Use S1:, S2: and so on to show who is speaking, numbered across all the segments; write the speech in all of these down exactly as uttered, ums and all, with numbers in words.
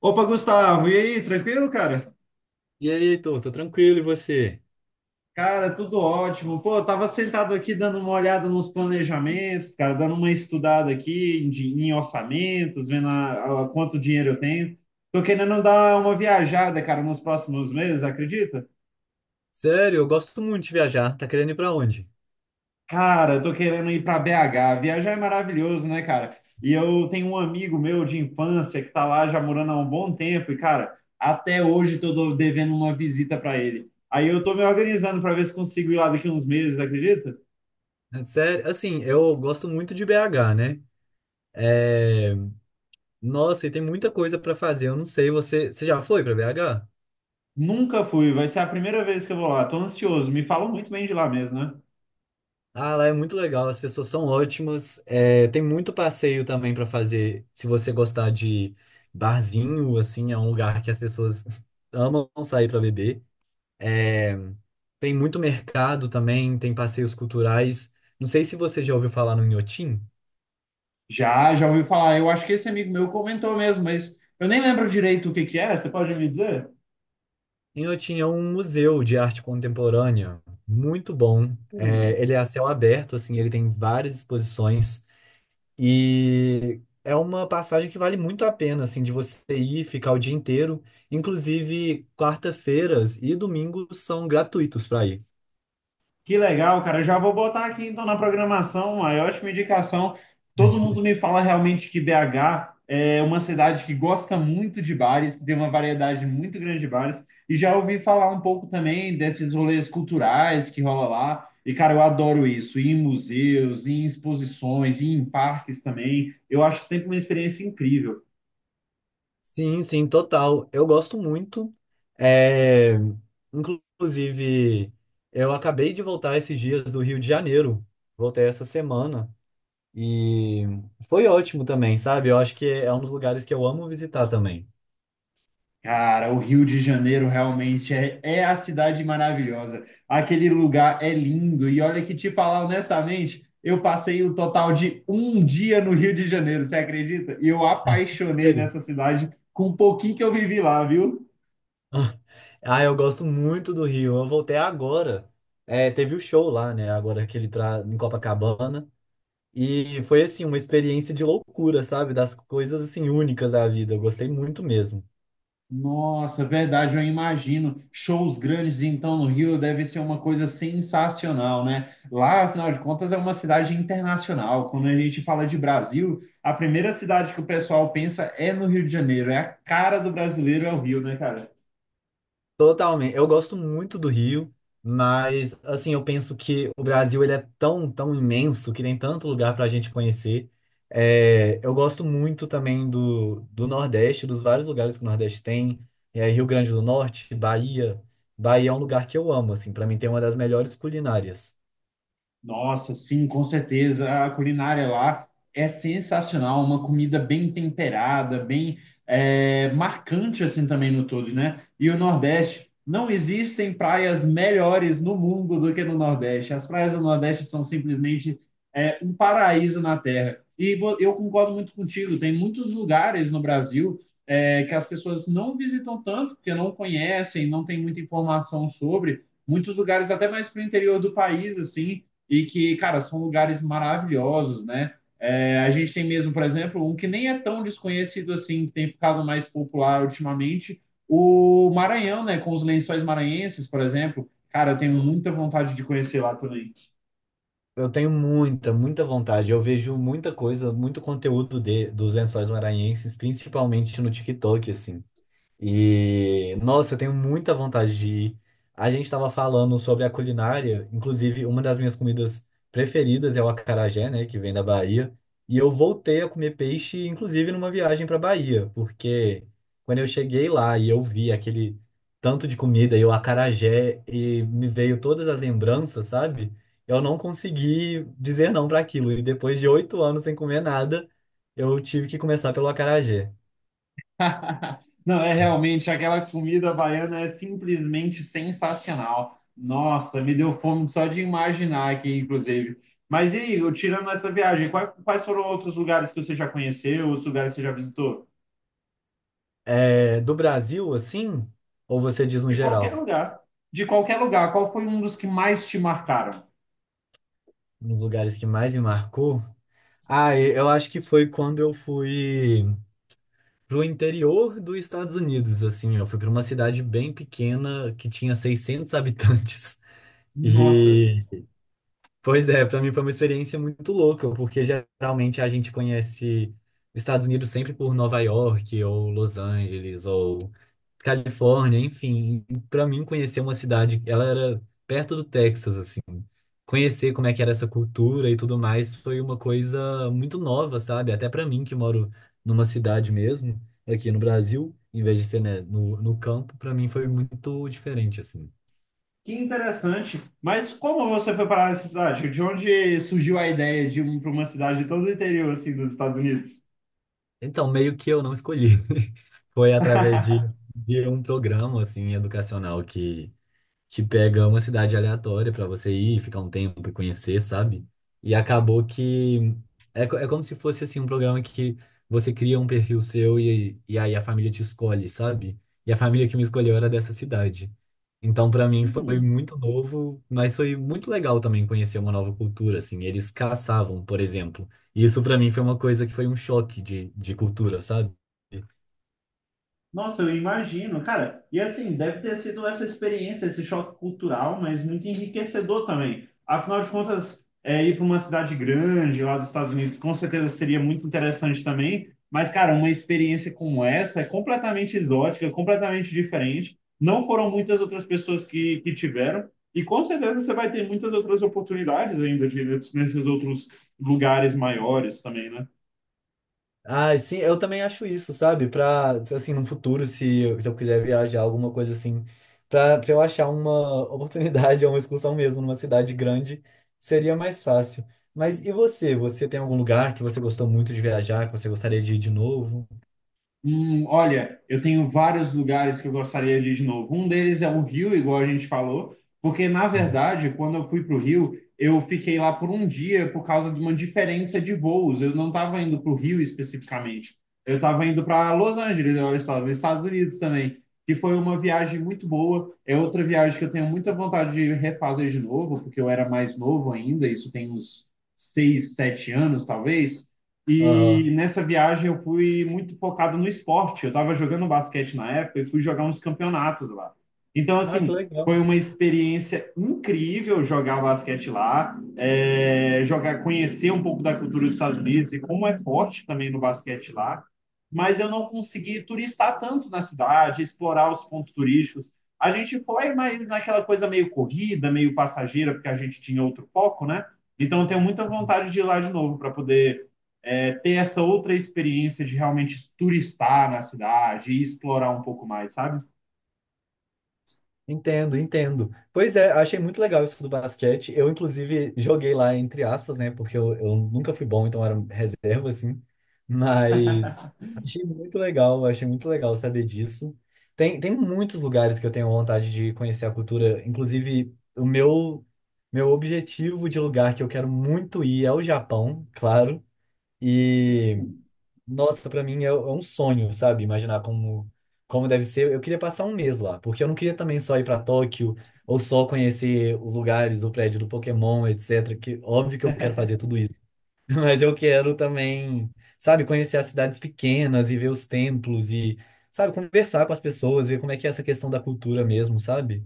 S1: Opa, Gustavo, e aí, tranquilo, cara?
S2: E aí, Heitor, tô tranquilo, e você?
S1: Cara, tudo ótimo. Pô, eu tava sentado aqui dando uma olhada nos planejamentos, cara, dando uma estudada aqui em, di- em orçamentos, vendo a, a- quanto dinheiro eu tenho. Tô querendo dar uma viajada, cara, nos próximos meses, acredita?
S2: Sério, eu gosto muito de viajar. Tá querendo ir pra onde?
S1: Cara, eu tô querendo ir para B H. Viajar é maravilhoso, né, cara? E eu tenho um amigo meu de infância que tá lá já morando há um bom tempo e, cara, até hoje tô do- devendo uma visita para ele. Aí eu tô me organizando para ver se consigo ir lá daqui uns meses, acredita?
S2: Sério, assim, eu gosto muito de B H, né? É... Nossa, e tem muita coisa pra fazer. Eu não sei, você, você já foi pra B H?
S1: Nunca fui, vai ser a primeira vez que eu vou lá. Tô ansioso, me falam muito bem de lá mesmo, né?
S2: Ah, lá é muito legal, as pessoas são ótimas. É, tem muito passeio também pra fazer. Se você gostar de barzinho, assim, é um lugar que as pessoas amam sair pra beber. É, Tem muito mercado também, tem passeios culturais. Não sei se você já ouviu falar no Inhotim.
S1: Já, já ouvi falar. Eu acho que esse amigo meu comentou mesmo, mas eu nem lembro direito o que que é. Você pode me dizer?
S2: E Eu tinha um museu de arte contemporânea muito bom. É, ele é a céu aberto, assim, ele tem várias exposições e é uma passagem que vale muito a pena, assim, de você ir ficar o dia inteiro. Inclusive, quarta-feiras e domingos são gratuitos para ir.
S1: Que legal, cara. Eu já vou botar aqui então na programação uma ótima indicação. Todo mundo me fala realmente que B H é uma cidade que gosta muito de bares, que tem uma variedade muito grande de bares. E já ouvi falar um pouco também desses rolês culturais que rola lá. E, cara, eu adoro isso, ir em museus, ir em exposições, ir em parques também. Eu acho sempre uma experiência incrível.
S2: Sim, sim, total. Eu gosto muito. É, Inclusive, eu acabei de voltar esses dias do Rio de Janeiro. Voltei essa semana. E foi ótimo também, sabe? Eu acho que é um dos lugares que eu amo visitar também.
S1: Cara, o Rio de Janeiro realmente é, é a cidade maravilhosa. Aquele lugar é lindo. E olha que te falar honestamente, eu passei o total de um dia no Rio de Janeiro, você acredita? E eu apaixonei
S2: Sério?
S1: nessa cidade com um pouquinho que eu vivi lá, viu?
S2: Ah, eu gosto muito do Rio. Eu voltei agora. É, teve o show lá, né? Agora aquele pra, em Copacabana. E foi assim, uma experiência de loucura, sabe? Das coisas assim únicas da vida. Eu gostei muito mesmo.
S1: Nossa, verdade, eu imagino. Shows grandes, então, no Rio deve ser uma coisa sensacional, né? Lá, afinal de contas, é uma cidade internacional. Quando a gente fala de Brasil, a primeira cidade que o pessoal pensa é no Rio de Janeiro. É a cara do brasileiro, é o Rio, né, cara?
S2: Totalmente. Eu gosto muito do Rio, mas assim, eu penso que o Brasil ele é tão, tão imenso que tem tanto lugar para a gente conhecer. É, eu gosto muito também do, do Nordeste, dos vários lugares que o Nordeste tem. É, Rio Grande do Norte, Bahia. Bahia é um lugar que eu amo, assim, para mim tem uma das melhores culinárias.
S1: Nossa, sim, com certeza. A culinária lá é sensacional, uma comida bem temperada, bem é, marcante assim também no todo, né? E o Nordeste, não existem praias melhores no mundo do que no Nordeste. As praias do Nordeste são simplesmente é, um paraíso na Terra. E vo- eu concordo muito contigo. Tem muitos lugares no Brasil é, que as pessoas não visitam tanto, porque não conhecem, não tem muita informação sobre. Muitos lugares até mais para o interior do país, assim e que, cara, são lugares maravilhosos, né? É, a gente tem mesmo, por exemplo, um que nem é tão desconhecido assim, que tem ficado mais popular ultimamente, o Maranhão, né? Com os lençóis maranhenses, por exemplo. Cara, eu tenho muita vontade de conhecer lá também.
S2: Eu tenho muita, muita vontade. Eu vejo muita coisa, muito conteúdo de, dos Lençóis Maranhenses, principalmente no TikTok, assim. E, nossa, eu tenho muita vontade de ir. A gente estava falando sobre a culinária, inclusive uma das minhas comidas preferidas é o acarajé, né, que vem da Bahia. E eu voltei a comer peixe, inclusive numa viagem para Bahia, porque quando eu cheguei lá e eu vi aquele tanto de comida e o acarajé e me veio todas as lembranças, sabe? Eu não consegui dizer não para aquilo. E depois de oito anos sem comer nada, eu tive que começar pelo acarajé.
S1: Não, é realmente, aquela comida baiana é simplesmente sensacional. Nossa, me deu fome só de imaginar aqui, inclusive. Mas e aí, tirando essa viagem, quais, quais foram outros lugares que você já conheceu, outros lugares que você já visitou?
S2: É, do Brasil, assim, ou você diz no
S1: De qualquer
S2: geral,
S1: lugar. De qualquer lugar. Qual foi um dos que mais te marcaram?
S2: nos lugares que mais me marcou? Ah, e- eu acho que foi quando eu fui pro interior dos Estados Unidos, assim, eu fui para uma cidade bem pequena que tinha seiscentos habitantes.
S1: Nossa,
S2: E Pois é, para mim foi uma experiência muito louca, porque geralmente a gente conhece os Estados Unidos sempre por Nova York, ou Los Angeles, ou Califórnia, enfim. Para mim, conhecer uma cidade, ela era perto do Texas, assim. Conhecer como é que era essa cultura e tudo mais foi uma coisa muito nova, sabe? Até para mim, que moro numa cidade mesmo, aqui no Brasil, em vez de ser, né, no, no campo, para mim foi muito diferente, assim.
S1: que interessante. Mas como você foi parar nessa cidade? De onde surgiu a ideia de ir para uma cidade todo o interior assim, dos Estados Unidos?
S2: Então, meio que eu não escolhi. Foi através de, de um programa, assim, educacional que, que pega uma cidade aleatória pra você ir, ficar um tempo e conhecer, sabe? E acabou que é, co- é como se fosse assim um programa que você cria um perfil seu e, e aí a família te escolhe, sabe? E a família que me escolheu era dessa cidade. Então, pra mim foi
S1: Hum.
S2: muito novo, mas foi muito legal também conhecer uma nova cultura, assim. Eles caçavam, por exemplo. E isso pra mim foi uma coisa que foi um choque de, de cultura, sabe?
S1: Nossa, eu imagino, cara. E assim, deve ter sido essa experiência, esse choque cultural, mas muito enriquecedor também. Afinal de contas, é, ir para uma cidade grande lá dos Estados Unidos, com certeza seria muito interessante também. Mas, cara, uma experiência como essa é completamente exótica, completamente diferente. Não foram muitas outras pessoas que, que tiveram. E com certeza você vai ter muitas outras oportunidades ainda de, nesses outros lugares maiores também, né?
S2: Ah, sim, eu também acho isso, sabe? Pra, assim, no futuro, se eu, se eu quiser viajar, alguma coisa assim, pra, pra eu achar uma oportunidade, uma excursão mesmo, numa cidade grande, seria mais fácil. Mas e você? Você tem algum lugar que você gostou muito de viajar, que você gostaria de ir de novo?
S1: Hum, olha, eu tenho vários lugares que eu gostaria de ir de novo. Um deles é o Rio, igual a gente falou, porque na
S2: Sim.
S1: verdade, quando eu fui para o Rio, eu fiquei lá por um dia por causa de uma diferença de voos. Eu não estava indo para o Rio especificamente. Eu estava indo para Los Angeles, olha só, nos Estados Unidos também, que foi uma viagem muito boa. É outra viagem que eu tenho muita vontade de refazer de novo, porque eu era mais novo ainda, isso tem uns seis, sete anos, talvez. E
S2: Aham.
S1: nessa viagem eu fui muito focado no esporte. Eu estava jogando basquete na época e fui jogar uns campeonatos lá. Então,
S2: Ah, que
S1: assim, foi
S2: legal.
S1: uma experiência incrível jogar basquete lá, é, jogar, conhecer um pouco da cultura dos Estados Unidos e como é forte também no basquete lá. Mas eu não consegui turistar tanto na cidade, explorar os pontos turísticos. A gente foi, mas naquela coisa meio corrida, meio passageira, porque a gente tinha outro foco, né? Então, eu tenho muita vontade de ir lá de novo para poder é, ter essa outra experiência de realmente turistar na cidade e explorar um pouco mais, sabe?
S2: Entendo, entendo. Pois é, achei muito legal isso do basquete. Eu, inclusive, joguei lá, entre aspas, né? Porque eu, eu nunca fui bom, então era reserva, assim. Mas achei muito legal, achei muito legal saber disso. Tem, tem muitos lugares que eu tenho vontade de conhecer a cultura. Inclusive, o meu, meu objetivo de lugar que eu quero muito ir é o Japão, claro. E nossa, pra mim é, é um sonho, sabe? Imaginar como, como deve ser. Eu queria passar um mês lá, porque eu não queria também só ir pra Tóquio ou só conhecer os lugares, o prédio do Pokémon, etcétera. Que óbvio que eu quero fazer tudo isso, mas eu quero também, sabe, conhecer as cidades pequenas e ver os templos e, sabe, conversar com as pessoas, ver como é que é essa questão da cultura mesmo, sabe?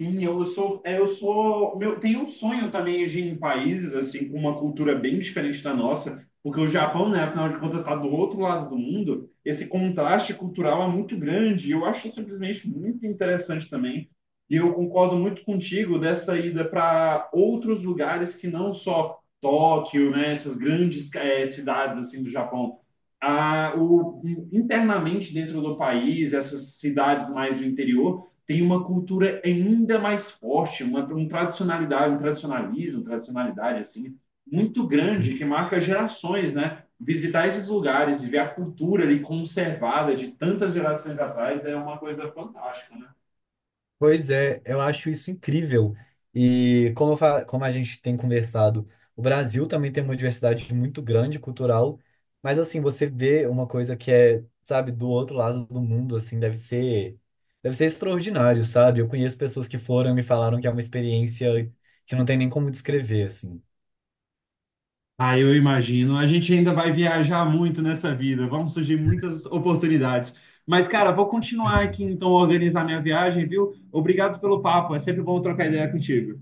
S1: Sim, eu sou, é, eu sou, meu, tenho um sonho também de ir em países assim com uma cultura bem diferente da nossa, porque o Japão, né, afinal de contas, está do outro lado do mundo. Esse contraste cultural é muito grande. E eu acho simplesmente muito interessante também. E eu concordo muito contigo dessa ida para outros lugares que não só Tóquio, né, essas grandes eh, cidades assim do Japão. Ah, o, Internamente dentro do país, essas cidades mais do interior tem uma cultura ainda mais forte, uma um tradicionalidade, um tradicionalismo, tradicionalidade assim muito grande que marca gerações, né? Visitar esses lugares e ver a cultura ali conservada de tantas gerações atrás é uma coisa fantástica, né?
S2: Pois é, eu acho isso incrível. E como, eu fa- como a gente tem conversado, o Brasil também tem uma diversidade muito grande cultural, mas assim, você vê uma coisa que é, sabe, do outro lado do mundo, assim, deve ser, deve ser extraordinário, sabe? Eu conheço pessoas que foram e me falaram que é uma experiência que não tem nem como descrever, assim.
S1: Ah, eu imagino. A gente ainda vai viajar muito nessa vida, vão surgir muitas oportunidades. Mas, cara, vou continuar aqui então a organizar minha viagem, viu? Obrigado pelo papo, é sempre bom trocar ideia contigo.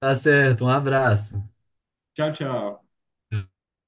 S2: Tá certo, um abraço.
S1: Tchau, tchau.